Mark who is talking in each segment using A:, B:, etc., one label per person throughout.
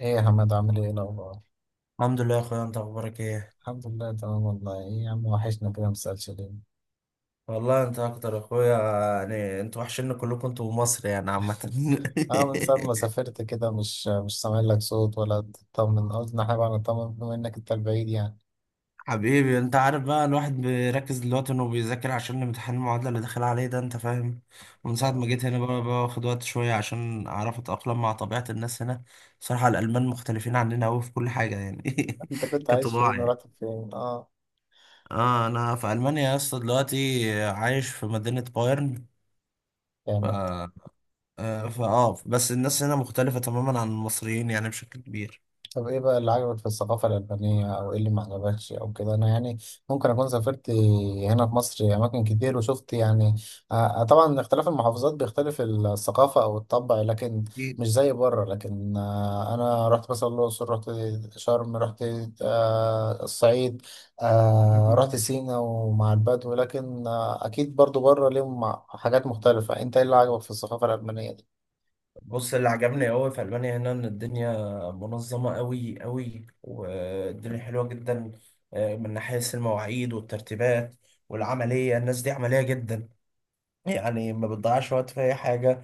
A: ايه يا حماد، عامل ايه الاخبار؟
B: الحمد لله يا اخويا، انت اخبارك ايه؟
A: الحمد لله تمام والله. ايه يا عم، وحشنا كده، مسألش ليه؟
B: والله انت اكتر يا اخويا. يعني انتوا وحشين كلكم، انتوا ومصر يعني عامة.
A: اه، من ساعة ما سافرت كده مش سامع لك صوت ولا تطمن. قلت احنا بقى نطمن، بما انك انت البعيد يعني.
B: حبيبي، انت عارف بقى الواحد بيركز دلوقتي انه بيذاكر عشان امتحان المعادلة اللي داخل عليه ده، انت فاهم. ومن ساعة
A: آه.
B: ما جيت هنا بقى باخد وقت شوية عشان اعرف اتأقلم مع طبيعة الناس هنا. بصراحة الالمان مختلفين عننا قوي في كل حاجة يعني.
A: انت كنت عايش فين
B: كطباع يعني.
A: ورحت فين؟ اه،
B: اه، انا في المانيا يا اسطى دلوقتي، عايش في مدينة بايرن.
A: يعني.
B: آه، فاه بس الناس هنا مختلفة تماما عن المصريين يعني بشكل كبير.
A: طب ايه بقى اللي عجبك في الثقافة الألبانية، أو ايه اللي ما عجبكش أو كده؟ أنا يعني ممكن أكون سافرت هنا في مصر أماكن كتير وشفت يعني. آه، آه، طبعا اختلاف المحافظات بيختلف الثقافة أو الطبع، لكن
B: أكيد.
A: مش زي بره. لكن آه، أنا رحت مثلا الأقصر، رحت شرم، رحت آه، الصعيد، آه،
B: مم.
A: رحت سينا ومع البدو، لكن آه، أكيد برضو بره ليهم حاجات مختلفة. أنت ايه اللي عجبك في الثقافة الألبانية دي؟
B: بص، اللي عجبني قوي في ألمانيا هنا إن الدنيا منظمة قوي قوي، والدنيا حلوة جدا. من ناحية المواعيد والترتيبات والعملية، الناس دي عملية جدا، يعني ما بتضيعش وقت في أي حاجة.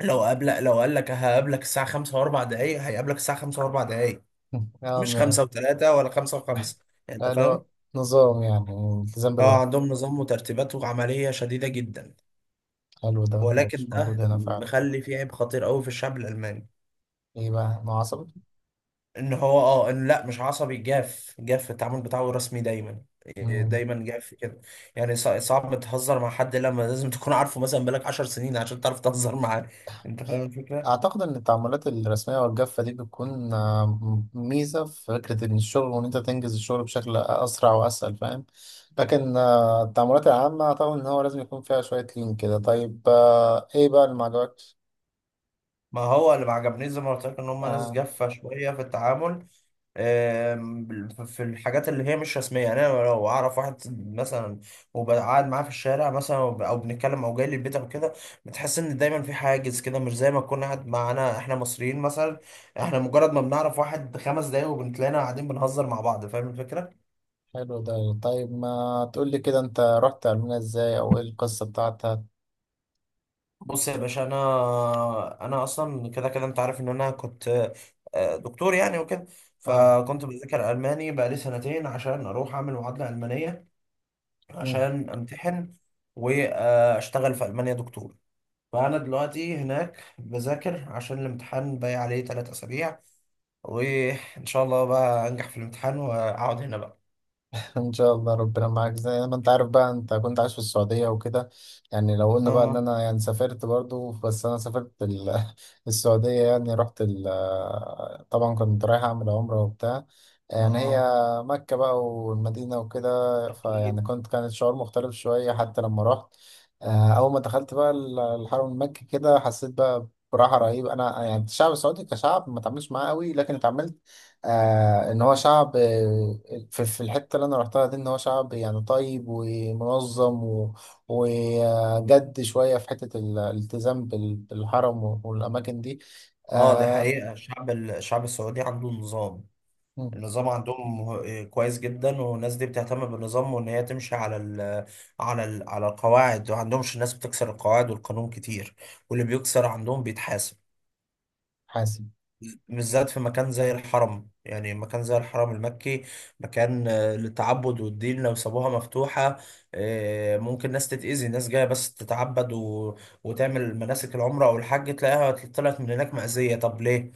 B: لو قال لك هقابلك الساعة 5:04، هيقابلك الساعة 5:04، مش
A: يعني
B: 5:03 ولا 5:05. يعني أنت
A: آه، اللي هو
B: فاهم؟
A: نظام، يعني التزام
B: اه،
A: بالوقت.
B: عندهم نظام وترتيبات وعملية شديدة جدا.
A: حلو ده مش
B: ولكن
A: موجود
B: ده
A: هنا فعلا.
B: مخلي فيه عيب خطير قوي في الشعب الالماني.
A: ايه بقى، ما عصبي؟
B: ان هو اه ان لا، مش عصبي، جاف جاف في التعامل بتاعه، رسمي دايما،
A: مم.
B: دايما جاف كده. يعني صعب تهزر مع حد لما لازم تكون عارفه مثلا بقالك 10 سنين عشان تعرف تهزر معاه. انت فاهم الفكره؟
A: اعتقد ان التعاملات الرسميه والجافه دي بتكون آه، ميزه في فكره ان الشغل، وان انت تنجز الشغل بشكل اسرع واسهل، فاهم؟ لكن آه، التعاملات العامه اعتقد ان هو لازم يكون فيها شويه لين كده. طيب آه، ايه بقى اللي ما عجبكش؟
B: ما هو اللي ما عجبنيش زي ما قلت لك ان هم ناس
A: آه.
B: جافه شويه في التعامل. آم، في الحاجات اللي هي مش رسميه يعني، انا لو اعرف واحد مثلا وبقعد معاه في الشارع مثلا او بنتكلم او جاي لي البيت او كده، بتحس ان دايما في حاجز كده، مش زي ما تكون قاعد معانا احنا مصريين مثلا. احنا مجرد ما بنعرف واحد 5 دقايق وبنتلاقينا قاعدين بنهزر مع بعض. فاهم الفكره؟
A: حلو ده. طيب ما تقول لي كده، انت رحت علمنا ازاي، او ايه القصه بتاعتها؟
B: بص يا باشا، انا اصلا كده كده انت عارف ان انا كنت دكتور يعني وكده.
A: اه.
B: فكنت بذاكر الماني بقالي سنتين عشان اروح اعمل معادله المانيه، عشان امتحن واشتغل في المانيا دكتور. فانا دلوقتي هناك بذاكر عشان الامتحان، باقي عليه 3 اسابيع، وان شاء الله بقى انجح في الامتحان واقعد هنا بقى.
A: ان شاء الله، ربنا معاك. زي ما انت عارف بقى، انت كنت عايش في السعودية وكده، يعني لو قلنا بقى ان
B: اه،
A: انا يعني سافرت برضو، بس انا سافرت السعودية. يعني رحت ال- طبعا كنت رايح أعمل عمرة وبتاع. يعني هي
B: اه،
A: مكة بقى والمدينة وكده.
B: اكيد.
A: فيعني كنت، كان الشعور مختلف شوية حتى لما رحت. آه، أول ما دخلت بقى الحرم المكي كده، حسيت بقى براحة رهيبة. أنا يعني الشعب السعودي كشعب ما اتعاملش معاه قوي، لكن اتعاملت. آه، إن هو شعب آه، في الحتة اللي أنا رحتها دي، إن هو شعب يعني طيب ومنظم، وجد شوية في حتة الالتزام بالحرم والأماكن دي.
B: اه، دي
A: آه.
B: حقيقة، الشعب السعودي عنده نظام.
A: مم.
B: النظام عندهم كويس جدا، والناس دي بتهتم بالنظام وان هي تمشي على القواعد، وعندهمش الناس بتكسر القواعد والقانون كتير، واللي بيكسر عندهم بيتحاسب،
A: حاسب.
B: بالذات في مكان زي الحرم. يعني مكان زي الحرم المكي، مكان للتعبد والدين، لو سابوها مفتوحة ممكن ناس تتأذي، ناس جاية بس تتعبد وتعمل مناسك العمرة أو الحج، تلاقيها طلعت من هناك مأذية. طب ليه؟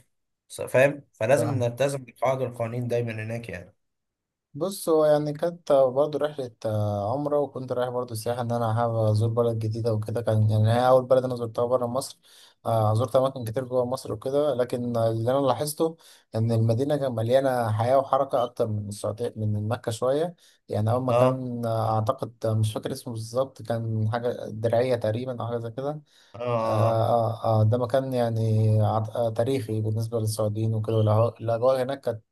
B: فاهم؟ فلازم نلتزم بالقواعد والقوانين دايما هناك يعني.
A: بص، هو يعني كانت برضه رحلة آه، عمرة، وكنت رايح برضه سياحة، إن أنا حابب أزور بلد جديدة وكده. كان يعني هي أول بلد أنا زرتها برا مصر. آه، زرت أماكن كتير جوا مصر وكده، لكن اللي أنا لاحظته إن المدينة كانت مليانة حياة وحركة أكتر من السعودية، من مكة شوية. يعني أول ما
B: اه،
A: كان آه، أعتقد آه، مش فاكر اسمه بالظبط، كان حاجة درعية تقريبا أو حاجة زي كده.
B: اه،
A: آه،
B: اه.
A: آه، آه، ده مكان يعني تاريخي بالنسبة للسعوديين وكده. الأجواء هناك كانت،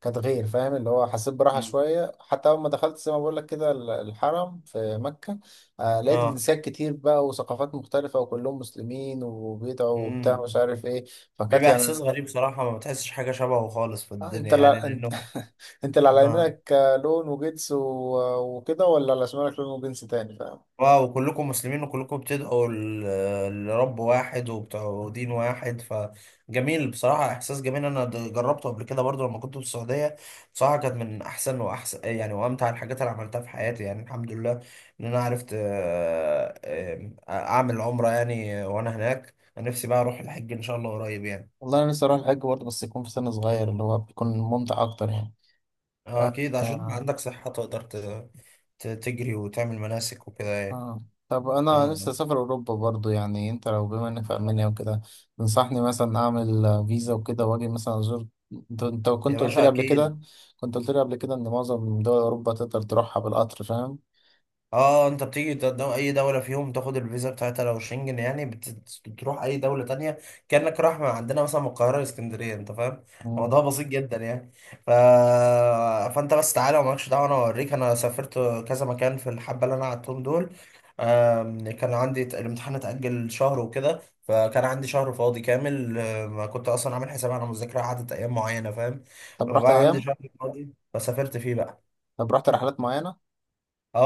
A: كانت غير، فاهم؟ اللي هو حسيت براحة
B: مم.
A: شوية، حتى أول ما دخلت زي ما بقول لك كده الحرم في مكة. آه، لقيت
B: اه.
A: جنسيات كتير بقى وثقافات مختلفة، وكلهم مسلمين وبيدعوا وبتاع،
B: مم.
A: مش عارف إيه. فكانت
B: بيبقى
A: يعني
B: إحساس غريب صراحة، ما بتحسش حاجة شبهه خالص في
A: آه،
B: الدنيا
A: أنت،
B: يعني،
A: لا أنت
B: لأنه.
A: أنت اللي على
B: اه،
A: يمينك آه، لون وجنس وكده، ولا على شمالك لون وجنس تاني، فاهم؟
B: واو، كلكم مسلمين وكلكم بتدعوا لرب واحد وبتوع دين واحد. فجميل بصراحة، إحساس جميل. أنا جربته قبل كده برضو لما كنت في السعودية. بصراحة كانت من أحسن وأحسن، يعني وأمتع الحاجات اللي عملتها في حياتي يعني، الحمد لله إن أنا عرفت، آه، آم، أعمل عمرة يعني وأنا هناك. أنا نفسي بقى أروح الحج إن شاء الله قريب يعني.
A: والله، أنا نفسي أروح الحج برضه، بس يكون في سن صغير، اللي هو بيكون ممتع أكتر يعني.
B: أكيد عشان يبقى
A: آه.
B: عندك صحة تقدر تجري وتعمل مناسك وكده يعني.
A: اه. طب انا
B: آه.
A: لسه سافر اوروبا برضو، يعني انت لو، بما انك في المانيا وكده، تنصحني مثلا اعمل فيزا وكده واجي مثلا ازور؟ انت
B: يا
A: كنت قلت
B: باشا
A: لي قبل
B: أكيد.
A: كده، كنت قلت لي قبل كده ان معظم دول اوروبا تقدر تروحها بالقطر، فاهم؟
B: اه، انت بتيجي اي دولة فيهم تاخد الفيزا بتاعتها، لو شنجن يعني بتروح اي دولة تانية كأنك رايح من عندنا مثلا من القاهرة لاسكندرية. انت فاهم؟
A: مم.
B: الموضوع بسيط جدا يعني. ف... فانت بس تعالى ومالكش دعوة، انا اوريك. انا سافرت كذا مكان في الحبة اللي انا قعدتهم دول. كان عندي الامتحان اتأجل شهر وكده، فكان عندي شهر فاضي كامل. كنت اصلا عامل حساب على مذاكرة قعدت ايام معينة، فاهم؟
A: طب رحت
B: فبقى عندي
A: ايام
B: شهر فاضي فسافرت فيه بقى.
A: طب رحت رحلات معينة؟
B: اه،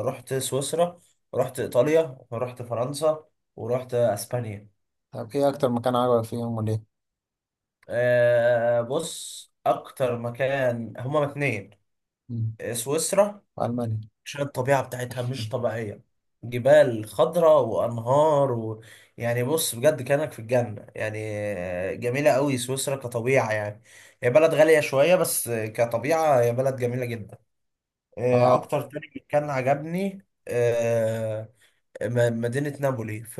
B: اه، رحت سويسرا، رحت ايطاليا، ورحت فرنسا، ورحت اسبانيا.
A: طب ايه اكتر مكان عجبك فيهم وليه؟
B: بص، اكتر مكان هما اتنين.
A: مم.
B: سويسرا،
A: في المانيا.
B: عشان الطبيعة بتاعتها مش طبيعية، جبال خضراء وانهار. يعني بص بجد كانك في الجنة يعني. جميلة قوي سويسرا كطبيعة يعني، هي بلد غالية شوية بس كطبيعة هي بلد جميلة جدا.
A: اه،
B: اكتر تاني كان عجبني، مدينة نابولي في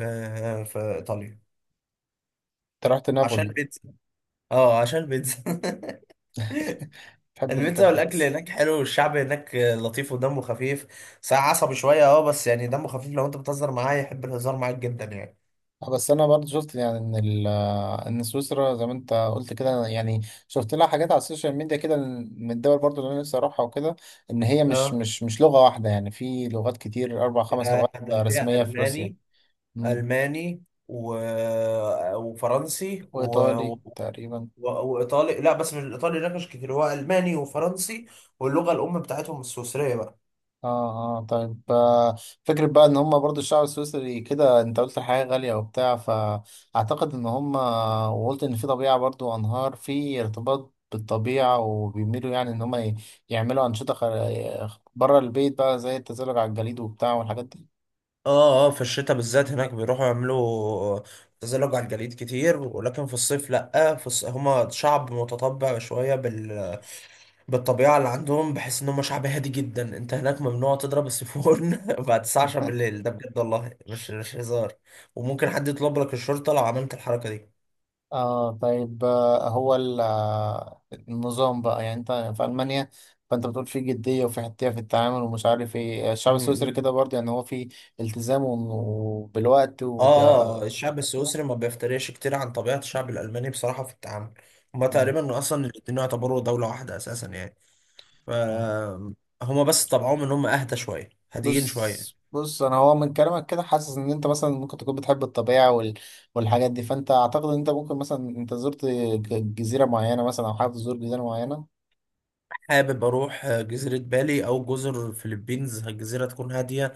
B: في إيطاليا،
A: انت رحت
B: عشان
A: نابولي؟
B: بيتزا. اه، عشان بيتزا.
A: تحب انت
B: البيتزا والأكل
A: البيتس؟
B: هناك حلو، والشعب هناك لطيف ودمه خفيف. ساعة عصبي شوية بس يعني دمه خفيف، لو أنت بتهزر معاه يحب الهزار معاك جدا يعني.
A: بس انا برضه شفت يعني ان سويسرا زي ما انت قلت كده، يعني شفت لها حاجات على السوشيال ميديا كده، من الدول برضه اللي انا نفسي اروحها وكده. ان هي مش
B: اه.
A: مش مش لغة واحدة، يعني في لغات كتير، 4 5 لغات
B: ده فيها
A: رسمية في روسيا.
B: ألماني،
A: مم.
B: ألماني وفرنسي
A: وايطالي تقريبا.
B: وإيطالي. لا، بس مش الإيطالي هناك مش كتير، هو ألماني وفرنسي، واللغة الأم بتاعتهم السويسرية بقى.
A: اه، اه، طيب آه، فكرة بقى ان هم برضو الشعب السويسري كده، انت قلت الحياة غالية وبتاع. فاعتقد ان هم، وقلت ان في طبيعة برضو، انهار، في ارتباط بالطبيعة، وبيميلوا يعني ان هم يعملوا انشطة بره البيت بقى، زي التزلج على الجليد وبتاع والحاجات دي.
B: اه، اه، في الشتاء بالذات هناك بيروحوا يعملوا تزلج على الجليد كتير، ولكن في الصيف لأ. في هما شعب متطبع شوية بالطبيعة اللي عندهم، بحس ان هما شعب هادي جدا. انت هناك ممنوع تضرب السيفون بعد الساعة 10 بالليل، ده بجد والله، مش هزار، وممكن حد يطلب لك الشرطة لو عملت الحركة دي.
A: اه، طيب آه، هو ال- آه، النظام بقى، يعني انت في المانيا، فانت بتقول في جديه وفي حتيه في التعامل ومش عارف ايه. آه، الشعب السويسري
B: مم.
A: كده برضه، يعني هو في التزام وبالوقت
B: اه،
A: وكده؟
B: الشعب السويسري ما بيفترقش كتير عن طبيعة الشعب الألماني بصراحة في التعامل. هما تقريبا أصلا الاتنين يعتبروا دولة واحدة أساسا يعني. فهما بس طبعهم ان هم اهدى شويه، هاديين
A: بص،
B: شويه.
A: بص، انا هو من كلامك كده حاسس ان انت مثلا ممكن تكون بتحب الطبيعه وال- والحاجات دي، فانت اعتقد ان انت ممكن، مثلا انت زرت جزيره معينه، مثلا او حابب تزور جزيره معينه.
B: حابب اروح جزيره بالي او جزر فلبينز، الجزيره تكون هاديه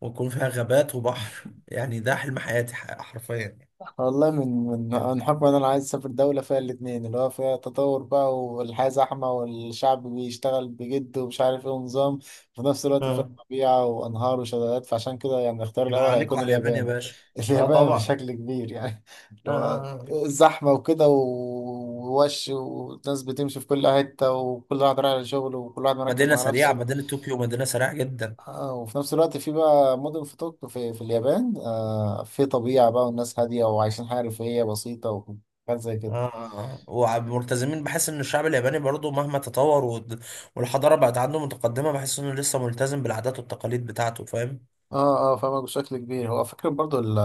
B: ويكون فيها غابات وبحر، يعني ده حلم حياتي حرفيا يعني.
A: والله، من حب انا عايز اسافر دوله فيها الاتنين، اللي هو فيها تطور بقى، والحياه زحمه، والشعب بيشتغل بجد ومش عارف ايه ونظام، في نفس الوقت فيها
B: اه،
A: طبيعه وانهار وشلالات. فعشان كده يعني الاختيار
B: يبقى
A: الاول
B: عليكم
A: هيكون
B: على اليابان يا
A: اليابان.
B: باشا. اه،
A: اليابان
B: طبعا.
A: بشكل كبير، يعني اللي
B: آه.
A: هو
B: آه. آه.
A: الزحمه وكده ووش، والناس بتمشي في كل حته، وكل واحد رايح لشغله، وكل واحد مركز مع نفسه.
B: مدينة طوكيو مدينة سريعة جدا.
A: آه، وفي نفس الوقت في بقى مدن في طوكيو، في اليابان، آه، في طبيعة بقى، والناس هادية وعايشين حياة رفاهية بسيطة وحاجات زي كده.
B: وملتزمين، بحس ان الشعب الياباني برضو مهما تطور والحضارة بقت عنده متقدمة، بحس انه لسه ملتزم بالعادات والتقاليد بتاعته. فاهم؟
A: اه، اه، فاهمك بشكل كبير. هو فكرة برضو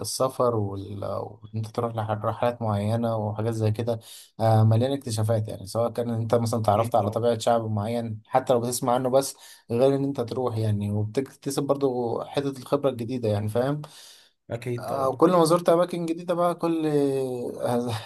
A: السفر، وإن انت تروح لرحلات معينة وحاجات زي كده، آه، مليانة اكتشافات، يعني سواء كان انت مثلا تعرفت
B: اكيد
A: على
B: طبعا.
A: طبيعة شعب معين حتى لو بتسمع عنه بس، غير ان انت تروح يعني، وبتكتسب برضو حتة الخبرة الجديدة، يعني فاهم؟
B: اكيد
A: آه،
B: طبعا.
A: كل ما زرت أماكن جديدة بقى كل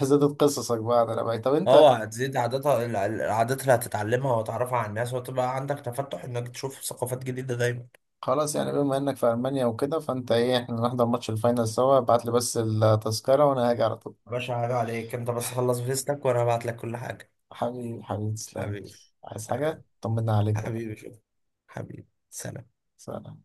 A: زادت قصصك بقى على الأماكن. طب أنت،
B: اه، هتزيد العادات اللي هتتعلمها وتعرفها على الناس، وتبقى عندك تفتح انك تشوف ثقافات جديدة دايما.
A: خلاص يعني بما إنك في ألمانيا وكده، فأنت إيه، إحنا نحضر ماتش الفاينل سوا؟ ابعت لي بس التذكرة وأنا هاجي على طول.
B: يا باشا، حاجة عليك انت، بس خلص فيستك وانا هبعت لك كل حاجة.
A: حبيبي، حبيبي، تسلم.
B: حبيبي.
A: عايز
B: آه،
A: حاجة، طمنا عليك بقى.
B: حبيبي شوف. حبيبي سلام.
A: سلام.